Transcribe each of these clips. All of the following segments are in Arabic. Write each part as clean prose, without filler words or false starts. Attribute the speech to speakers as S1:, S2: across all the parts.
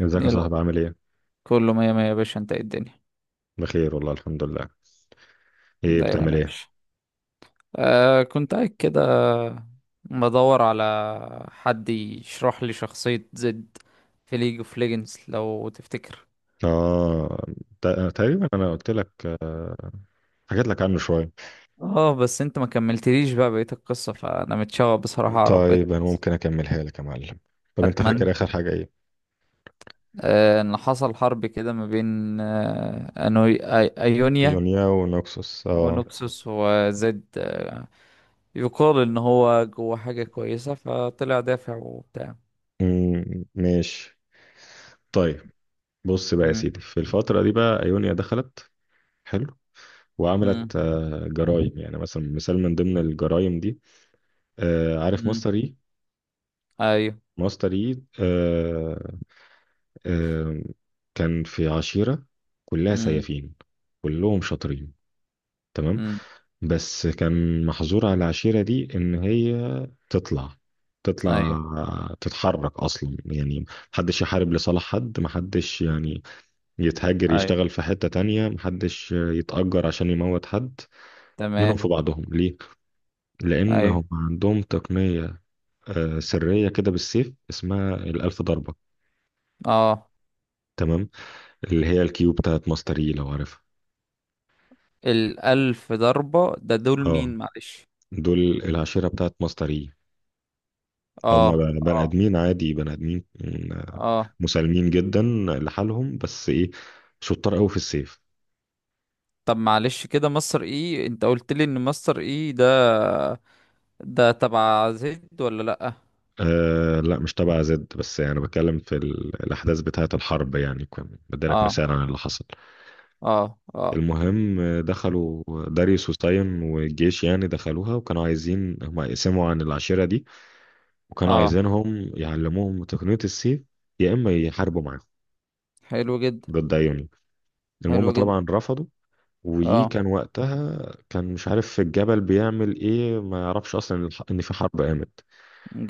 S1: ازيك يا
S2: يلا.
S1: صاحبي؟ عامل ايه؟
S2: كله مية مية يا باشا. انت ايه الدنيا
S1: بخير والله، الحمد لله. ايه
S2: دايما
S1: بتعمل
S2: يا
S1: ايه؟
S2: باشا. كنت قاعد كده بدور على حد يشرح لي شخصية زد في ليج اوف ليجندز لو تفتكر.
S1: اه، تقريبا انا قلت لك، حكيت لك عنه شوية.
S2: اه، بس انت ما كملتليش بقى بقية القصة، فانا متشوق بصراحة اعرف بقية
S1: طيب انا
S2: القصة.
S1: ممكن اكملها لك يا معلم. طب انت
S2: اتمنى.
S1: فاكر اخر حاجة ايه؟
S2: ان حصل حرب كده ما بين ايونيا
S1: يونيا ونوكسوس، اه.
S2: ونوكسوس وزد يقال ان هو جوه حاجة كويسة فطلع دافع وبتاع.
S1: ماشي. طيب، بص بقى يا سيدي، في الفترة دي بقى ايونيا دخلت، حلو،
S2: مم.
S1: وعملت جرايم، يعني مثلا مثال من ضمن الجرايم دي، عارف
S2: امم.
S1: ماستر اي؟
S2: ايوه.
S1: ماستر اي، آم، كان في عشيرة كلها
S2: امم.
S1: سيافين، كلهم شاطرين، تمام؟
S2: امم.
S1: بس كان محظور على العشيرة دي إن هي تطلع،
S2: ايوه.
S1: تطلع تتحرك أصلا، يعني محدش يحارب لصالح حد، محدش يعني يتهاجر
S2: ايوه.
S1: يشتغل في حتة تانية، محدش يتأجر عشان يموت حد منهم
S2: تمام.
S1: في بعضهم. ليه؟
S2: ايوه.
S1: لأنهم عندهم تقنية سرية كده بالسيف اسمها الألف ضربة،
S2: اه.
S1: تمام؟ اللي هي الكيو بتاعت ماستري لو عارفها.
S2: الألف ضربة ده دول
S1: اه،
S2: مين معلش؟
S1: دول العشيرة بتاعت مصري.
S2: اه.
S1: هم بني
S2: اه.
S1: آدمين عادي، بني آدمين، آه،
S2: اه.
S1: مسالمين جدا لحالهم، بس إيه، شطار قوي في السيف.
S2: طب معلش كده، مصر ايه؟ انت قلت لي ان مصر ايه ده تبع زد ولا لأ؟
S1: آه لا، مش تبع زد، بس يعني بتكلم في الأحداث بتاعة الحرب، يعني كان بديلك
S2: اه.
S1: مثال عن اللي حصل.
S2: اه. اه.
S1: المهم، دخلوا داريوس وساين والجيش، يعني دخلوها وكانوا عايزين هم يقسموا عن العشيرة دي، وكانوا
S2: اه.
S1: عايزينهم يعلموهم تقنية السيف يا إما يحاربوا معاهم
S2: حلو جدا.
S1: ضد أيوني. المهم
S2: حلو جدا.
S1: طبعا رفضوا،
S2: اه.
S1: وكان وقتها كان مش عارف في الجبل بيعمل ايه، ما يعرفش اصلا إن ان في حرب قامت.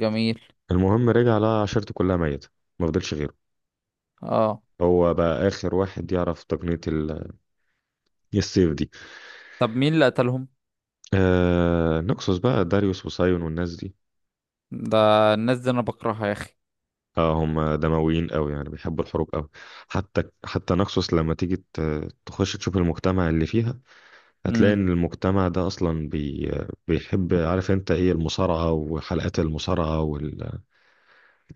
S2: جميل.
S1: المهم رجع لقى عشيرته كلها ميتة، ما فضلش غيره،
S2: اه.
S1: هو بقى اخر واحد يعرف تقنية السيف دي.
S2: طب مين اللي قتلهم؟
S1: آه، نكسوس بقى، داريوس وسايون والناس دي.
S2: ده الناس دي انا بكرهها يا اخي.
S1: اه، هم دمويين قوي، يعني بيحبوا الحروب قوي، حتى نكسوس لما تيجي تخش تشوف المجتمع اللي فيها، هتلاقي
S2: امم.
S1: ان المجتمع ده اصلا بيحب، عارف انت ايه المصارعة وحلقات المصارعة؟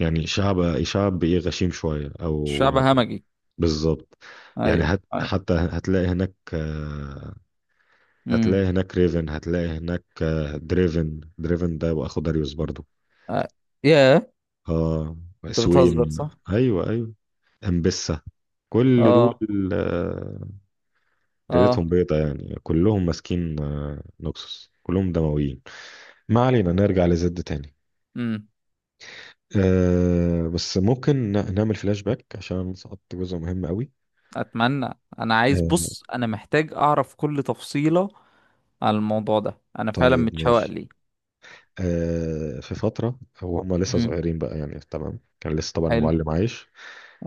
S1: يعني شعب، ايه، غشيم شوية
S2: شعب
S1: او،
S2: همجي.
S1: بالظبط، يعني
S2: ايوه. ايوه.
S1: حتى هتلاقي هناك
S2: امم.
S1: هتلاقي هناك ريفن، هتلاقي هناك دريفن. دريفن ده واخو داريوس برضو،
S2: آه. ياه.
S1: اه.
S2: انت بتهزر
S1: سوين،
S2: صح؟
S1: ايوه ايوه، امبسة، كل
S2: اه.
S1: دول، آه،
S2: اه.
S1: ليلتهم بيضة، يعني كلهم ماسكين نوكسوس، كلهم دمويين. ما علينا، نرجع لزد تاني.
S2: امم.
S1: أه، بس ممكن نعمل فلاش باك عشان سقطت جزء مهم قوي.
S2: اتمنى. انا عايز
S1: أه،
S2: بص، انا محتاج اعرف كل تفصيلة على الموضوع ده، انا فعلا
S1: طيب
S2: متشوق
S1: ماشي.
S2: ليه.
S1: في فترة هو، هما لسه
S2: امم.
S1: صغيرين بقى يعني، تمام؟ كان لسه طبعا
S2: حلو.
S1: المعلم عايش.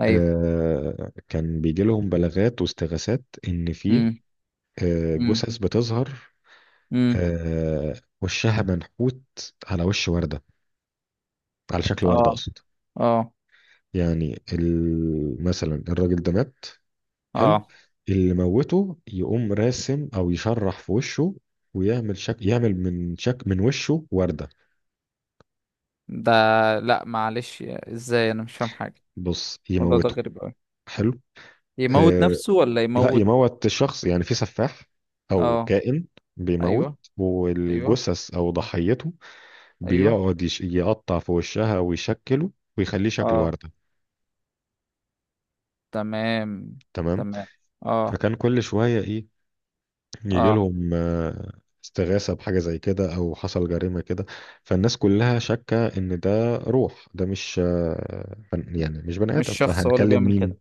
S2: ايوه.
S1: كان بيجي لهم بلاغات واستغاثات إن في
S2: امم. امم.
S1: جثث بتظهر،
S2: امم.
S1: آه، وشها منحوت على وش وردة، على شكل
S2: اه.
S1: وردة أقصد.
S2: اه.
S1: يعني مثلا الراجل ده مات، حلو،
S2: اه.
S1: اللي موته يقوم راسم أو يشرح في وشه ويعمل شك، يعمل من شك من وشه وردة.
S2: ده لا معلش، ازاي؟ انا مش فاهم حاجة.
S1: بص،
S2: الموضوع ده
S1: يموته،
S2: غريب قوي.
S1: حلو،
S2: يموت
S1: آه،
S2: نفسه ولا
S1: لا
S2: يموت؟
S1: يموت الشخص، يعني في سفاح او
S2: اه.
S1: كائن بيموت،
S2: ايوه. ايوه.
S1: والجثث او ضحيته
S2: ايوه.
S1: بيقعد يقطع في وشها ويشكله ويخليه شكل
S2: اه.
S1: وردة.
S2: تمام.
S1: تمام.
S2: تمام. اه.
S1: فكان كل شوية إيه، يجي
S2: اه.
S1: لهم استغاثة بحاجة زي كده أو حصل جريمة كده. فالناس كلها شاكة إن ده روح، ده مش يعني مش بني
S2: مش
S1: آدم،
S2: شخص هو اللي
S1: فهنكلم
S2: بيعمل
S1: مين؟
S2: كده؟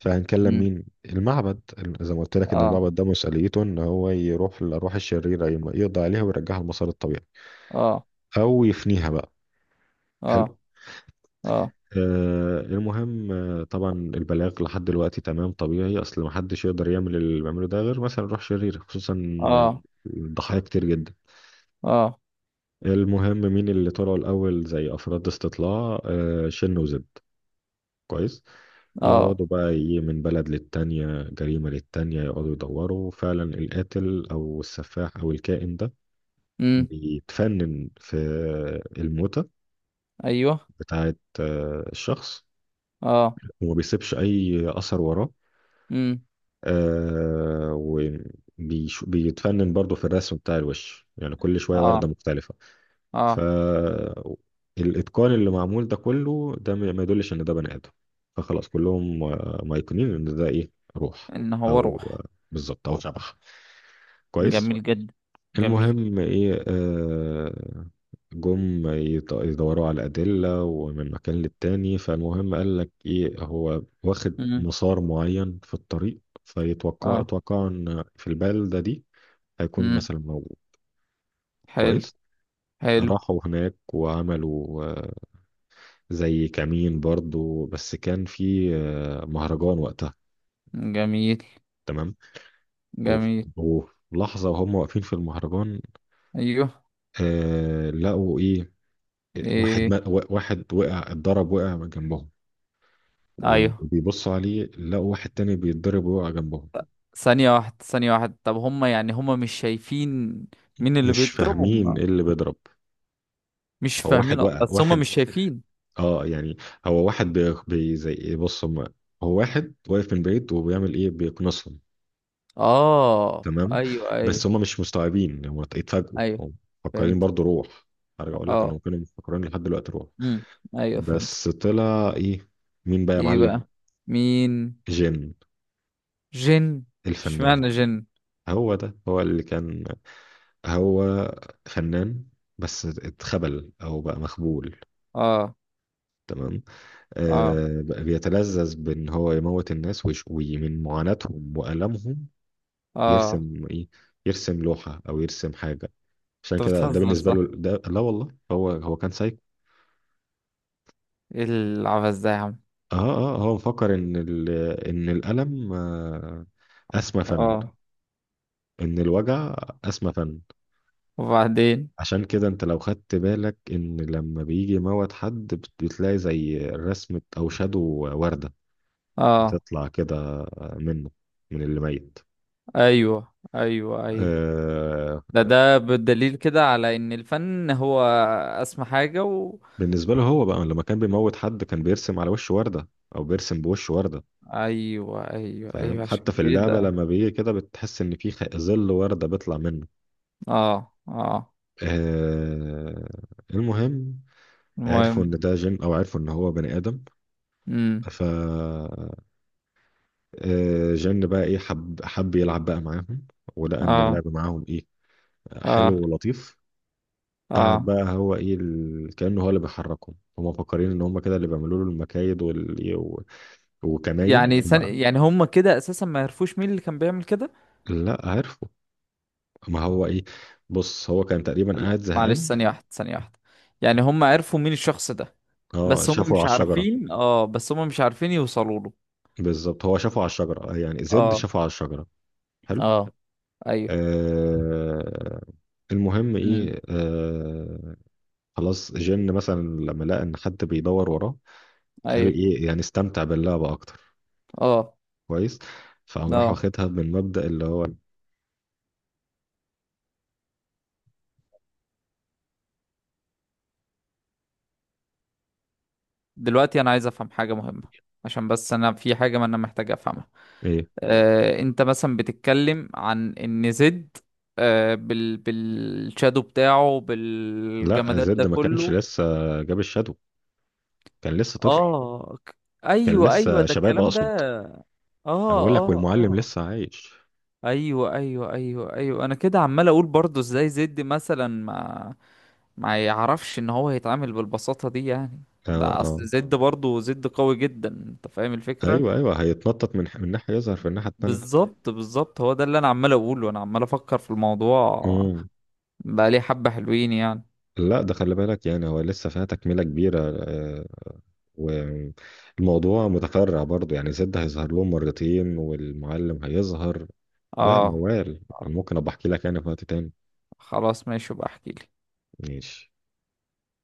S2: مم.
S1: المعبد، زي ما قلت لك إن
S2: اه.
S1: المعبد ده مسؤوليته إن هو يروح للأرواح الشريرة يقضي عليها ويرجعها لمسار الطبيعي
S2: اه.
S1: أو يفنيها بقى. حلو.
S2: اه. اه.
S1: آه، المهم، آه، طبعا البلاغ لحد دلوقتي تمام طبيعي، اصل محدش يقدر يعمل اللي بيعمله ده غير مثلا روح شريرة، خصوصا
S2: اه.
S1: الضحايا كتير جدا.
S2: اه.
S1: المهم مين اللي طلعوا الأول زي أفراد استطلاع؟ شن وزد، كويس،
S2: اه.
S1: يقعدوا بقى إيه، من بلد للتانية، جريمة للتانية، يقعدوا يدوروا فعلا القاتل أو السفاح أو الكائن ده
S2: امم.
S1: بيتفنن في الموتة
S2: ايوه.
S1: بتاعة الشخص،
S2: اه.
S1: وما بيسيبش أي أثر وراه،
S2: امم.
S1: آه، بيتفنن برضه في الرسم بتاع الوش، يعني كل شوية
S2: اه.
S1: وردة مختلفة.
S2: اه.
S1: فالإتقان اللي معمول ده كله ده ما يدلش إن ده بني آدم، فخلاص كلهم مايقنين إن ده إيه، روح
S2: ان هو
S1: أو
S2: روح.
S1: بالظبط، أو شبح، كويس.
S2: جميل جدا. جميل.
S1: المهم إيه، جم يدوروا على أدلة ومن مكان للتاني، فالمهم قال لك إيه، هو واخد
S2: امم.
S1: مسار معين في الطريق،
S2: اه.
S1: اتوقع إن في البلدة دي هيكون
S2: امم.
S1: مثلا موجود.
S2: حلو.
S1: كويس،
S2: حلو.
S1: راحوا هناك وعملوا زي كمين برضو، بس كان في مهرجان وقتها،
S2: جميل.
S1: تمام؟ وف-
S2: جميل.
S1: وفي لحظة وهم واقفين في المهرجان،
S2: ايوه.
S1: آه لقوا ايه، واحد
S2: ايه.
S1: ما واحد وقع، اتضرب، وقع من جنبهم،
S2: ايوه.
S1: وبيبصوا عليه لقوا واحد تاني بيتضرب ويقع جنبهم.
S2: ثانية واحدة ثانية واحدة، طب هم، يعني، هم مش شايفين مين اللي
S1: مش فاهمين ايه
S2: بيضربهم؟
S1: اللي بيضرب،
S2: مش
S1: هو واحد
S2: فاهمين أصلاً،
S1: وقع
S2: بس هم
S1: واحد،
S2: مش شايفين.
S1: اه يعني، هو واحد زي ايه، بص هو واحد واقف من بعيد وبيعمل ايه، بيقنصهم.
S2: اه.
S1: تمام.
S2: ايوه. ايوه.
S1: بس هم مش مستوعبين، هم اتفاجئوا،
S2: ايوه.
S1: هم مفكرين
S2: فهمت.
S1: برضو روح. هرجع اقول لك
S2: اه.
S1: انهم كانوا مفكرين لحد دلوقتي روح.
S2: امم. ايوه، فهمت.
S1: بس طلع ايه، مين بقى يا
S2: ايه
S1: معلم؟
S2: بقى؟ مين؟
S1: جن،
S2: جن.
S1: الفنان.
S2: اشمعنى جن؟
S1: هو اللي كان، هو فنان بس اتخبل او بقى مخبول،
S2: اه.
S1: تمام؟
S2: اه.
S1: آه، بقى بيتلذذ بان هو يموت الناس ومن معاناتهم والامهم
S2: اه.
S1: يرسم ايه، يرسم لوحة او يرسم حاجة، عشان
S2: انت
S1: كده ده
S2: بتهزر
S1: بالنسبة له
S2: صح؟
S1: ده، لا والله، هو كان سايكو.
S2: ايه العبث ده يا عم؟
S1: اه اه، هو مفكر ان ان الالم اسمى فن،
S2: اه.
S1: ان الوجع اسمى فن.
S2: وبعدين.
S1: عشان كده انت لو خدت بالك ان لما بيجي موت حد بتلاقي زي رسمة او شادو وردة
S2: اه.
S1: بتطلع كده منه، من اللي ميت،
S2: ايوه. ايوه. ايوه.
S1: آه.
S2: ده بالدليل كده على ان الفن هو اسمى حاجة.
S1: بالنسبة له هو بقى لما كان بيموت حد كان بيرسم على وش وردة، او بيرسم بوش وردة،
S2: ايوه. ايوه.
S1: فاهم؟
S2: ايوه.
S1: حتى
S2: عشان
S1: في اللعبة
S2: كده.
S1: لما بيجي كده بتحس ان في ظل وردة بيطلع منه،
S2: اه. اه.
S1: آه. المهم، عرفوا ان
S2: المهم.
S1: ده جن او عرفوا ان هو بني ادم.
S2: امم.
S1: ف جن بقى ايه، حب يلعب بقى معاهم، ولقى ان
S2: اه.
S1: اللعب معاهم ايه،
S2: اه.
S1: حلو ولطيف. قعد
S2: اه.
S1: بقى هو ايه كأنه هو اللي بيحركهم، هم مفكرين ان هم كده اللي بيعملوا له المكايد وكماين
S2: يعني هم كده اساسا ما يعرفوش مين اللي كان بيعمل كده.
S1: لا، عرفوا، ما هو ايه، بص هو كان تقريبا قاعد
S2: معلش،
S1: زهقان.
S2: ثانية واحدة ثانية واحدة. يعني هم عرفوا مين الشخص ده؟
S1: اه، شافه على الشجرة،
S2: بس هم مش عارفين يوصلوا له.
S1: بالظبط، هو شافه على الشجرة يعني، زد
S2: اه.
S1: شافه على الشجرة. حلو،
S2: اه. ايوه.
S1: آه. المهم
S2: امم.
S1: ايه، آه، خلاص جن مثلا لما لقى ان حد بيدور وراه، قال
S2: ايوه.
S1: ايه، يعني استمتع باللعبة اكتر.
S2: اه.
S1: كويس، فقام راح
S2: اه.
S1: واخدها من مبدأ اللي هو
S2: دلوقتي انا عايز افهم حاجة مهمة، عشان بس انا في حاجة، ما انا محتاج افهمها.
S1: ايه.
S2: انت مثلا بتتكلم عن ان زد بالشادو بتاعه،
S1: لا،
S2: بالجمادات ده
S1: زد ما كانش
S2: كله.
S1: لسه جاب الشادو، كان لسه طفل،
S2: اه.
S1: كان
S2: ايوه، ايوه،
S1: لسه
S2: ده
S1: شباب
S2: الكلام
S1: اقصد.
S2: ده. اه.
S1: انا بقول لك
S2: اه.
S1: والمعلم
S2: اه.
S1: لسه عايش.
S2: ايوه. ايوه. ايوه. ايوه، انا كده عمال اقول برضه، ازاي زد مثلا ما يعرفش ان هو يتعامل بالبساطة دي يعني؟
S1: اه
S2: ده
S1: اه،
S2: اصل زد، برضه زد قوي جدا، انت فاهم الفكرة.
S1: ايوه هيتنطط من ناحية يظهر في الناحية التانية.
S2: بالظبط بالظبط، هو ده اللي انا عمال اقوله، انا عمال افكر في الموضوع.
S1: مم.
S2: بقى لي حبة حلوين يعني.
S1: لا، ده خلي بالك، يعني هو لسه فيها تكملة كبيرة، آه، والموضوع متفرع برضو، يعني زد هيظهر لهم مرتين والمعلم هيظهر. لا
S2: اه،
S1: موال، انا ممكن ابقى احكي لك انا في وقت تاني.
S2: خلاص ماشي، بقى احكي.
S1: ماشي.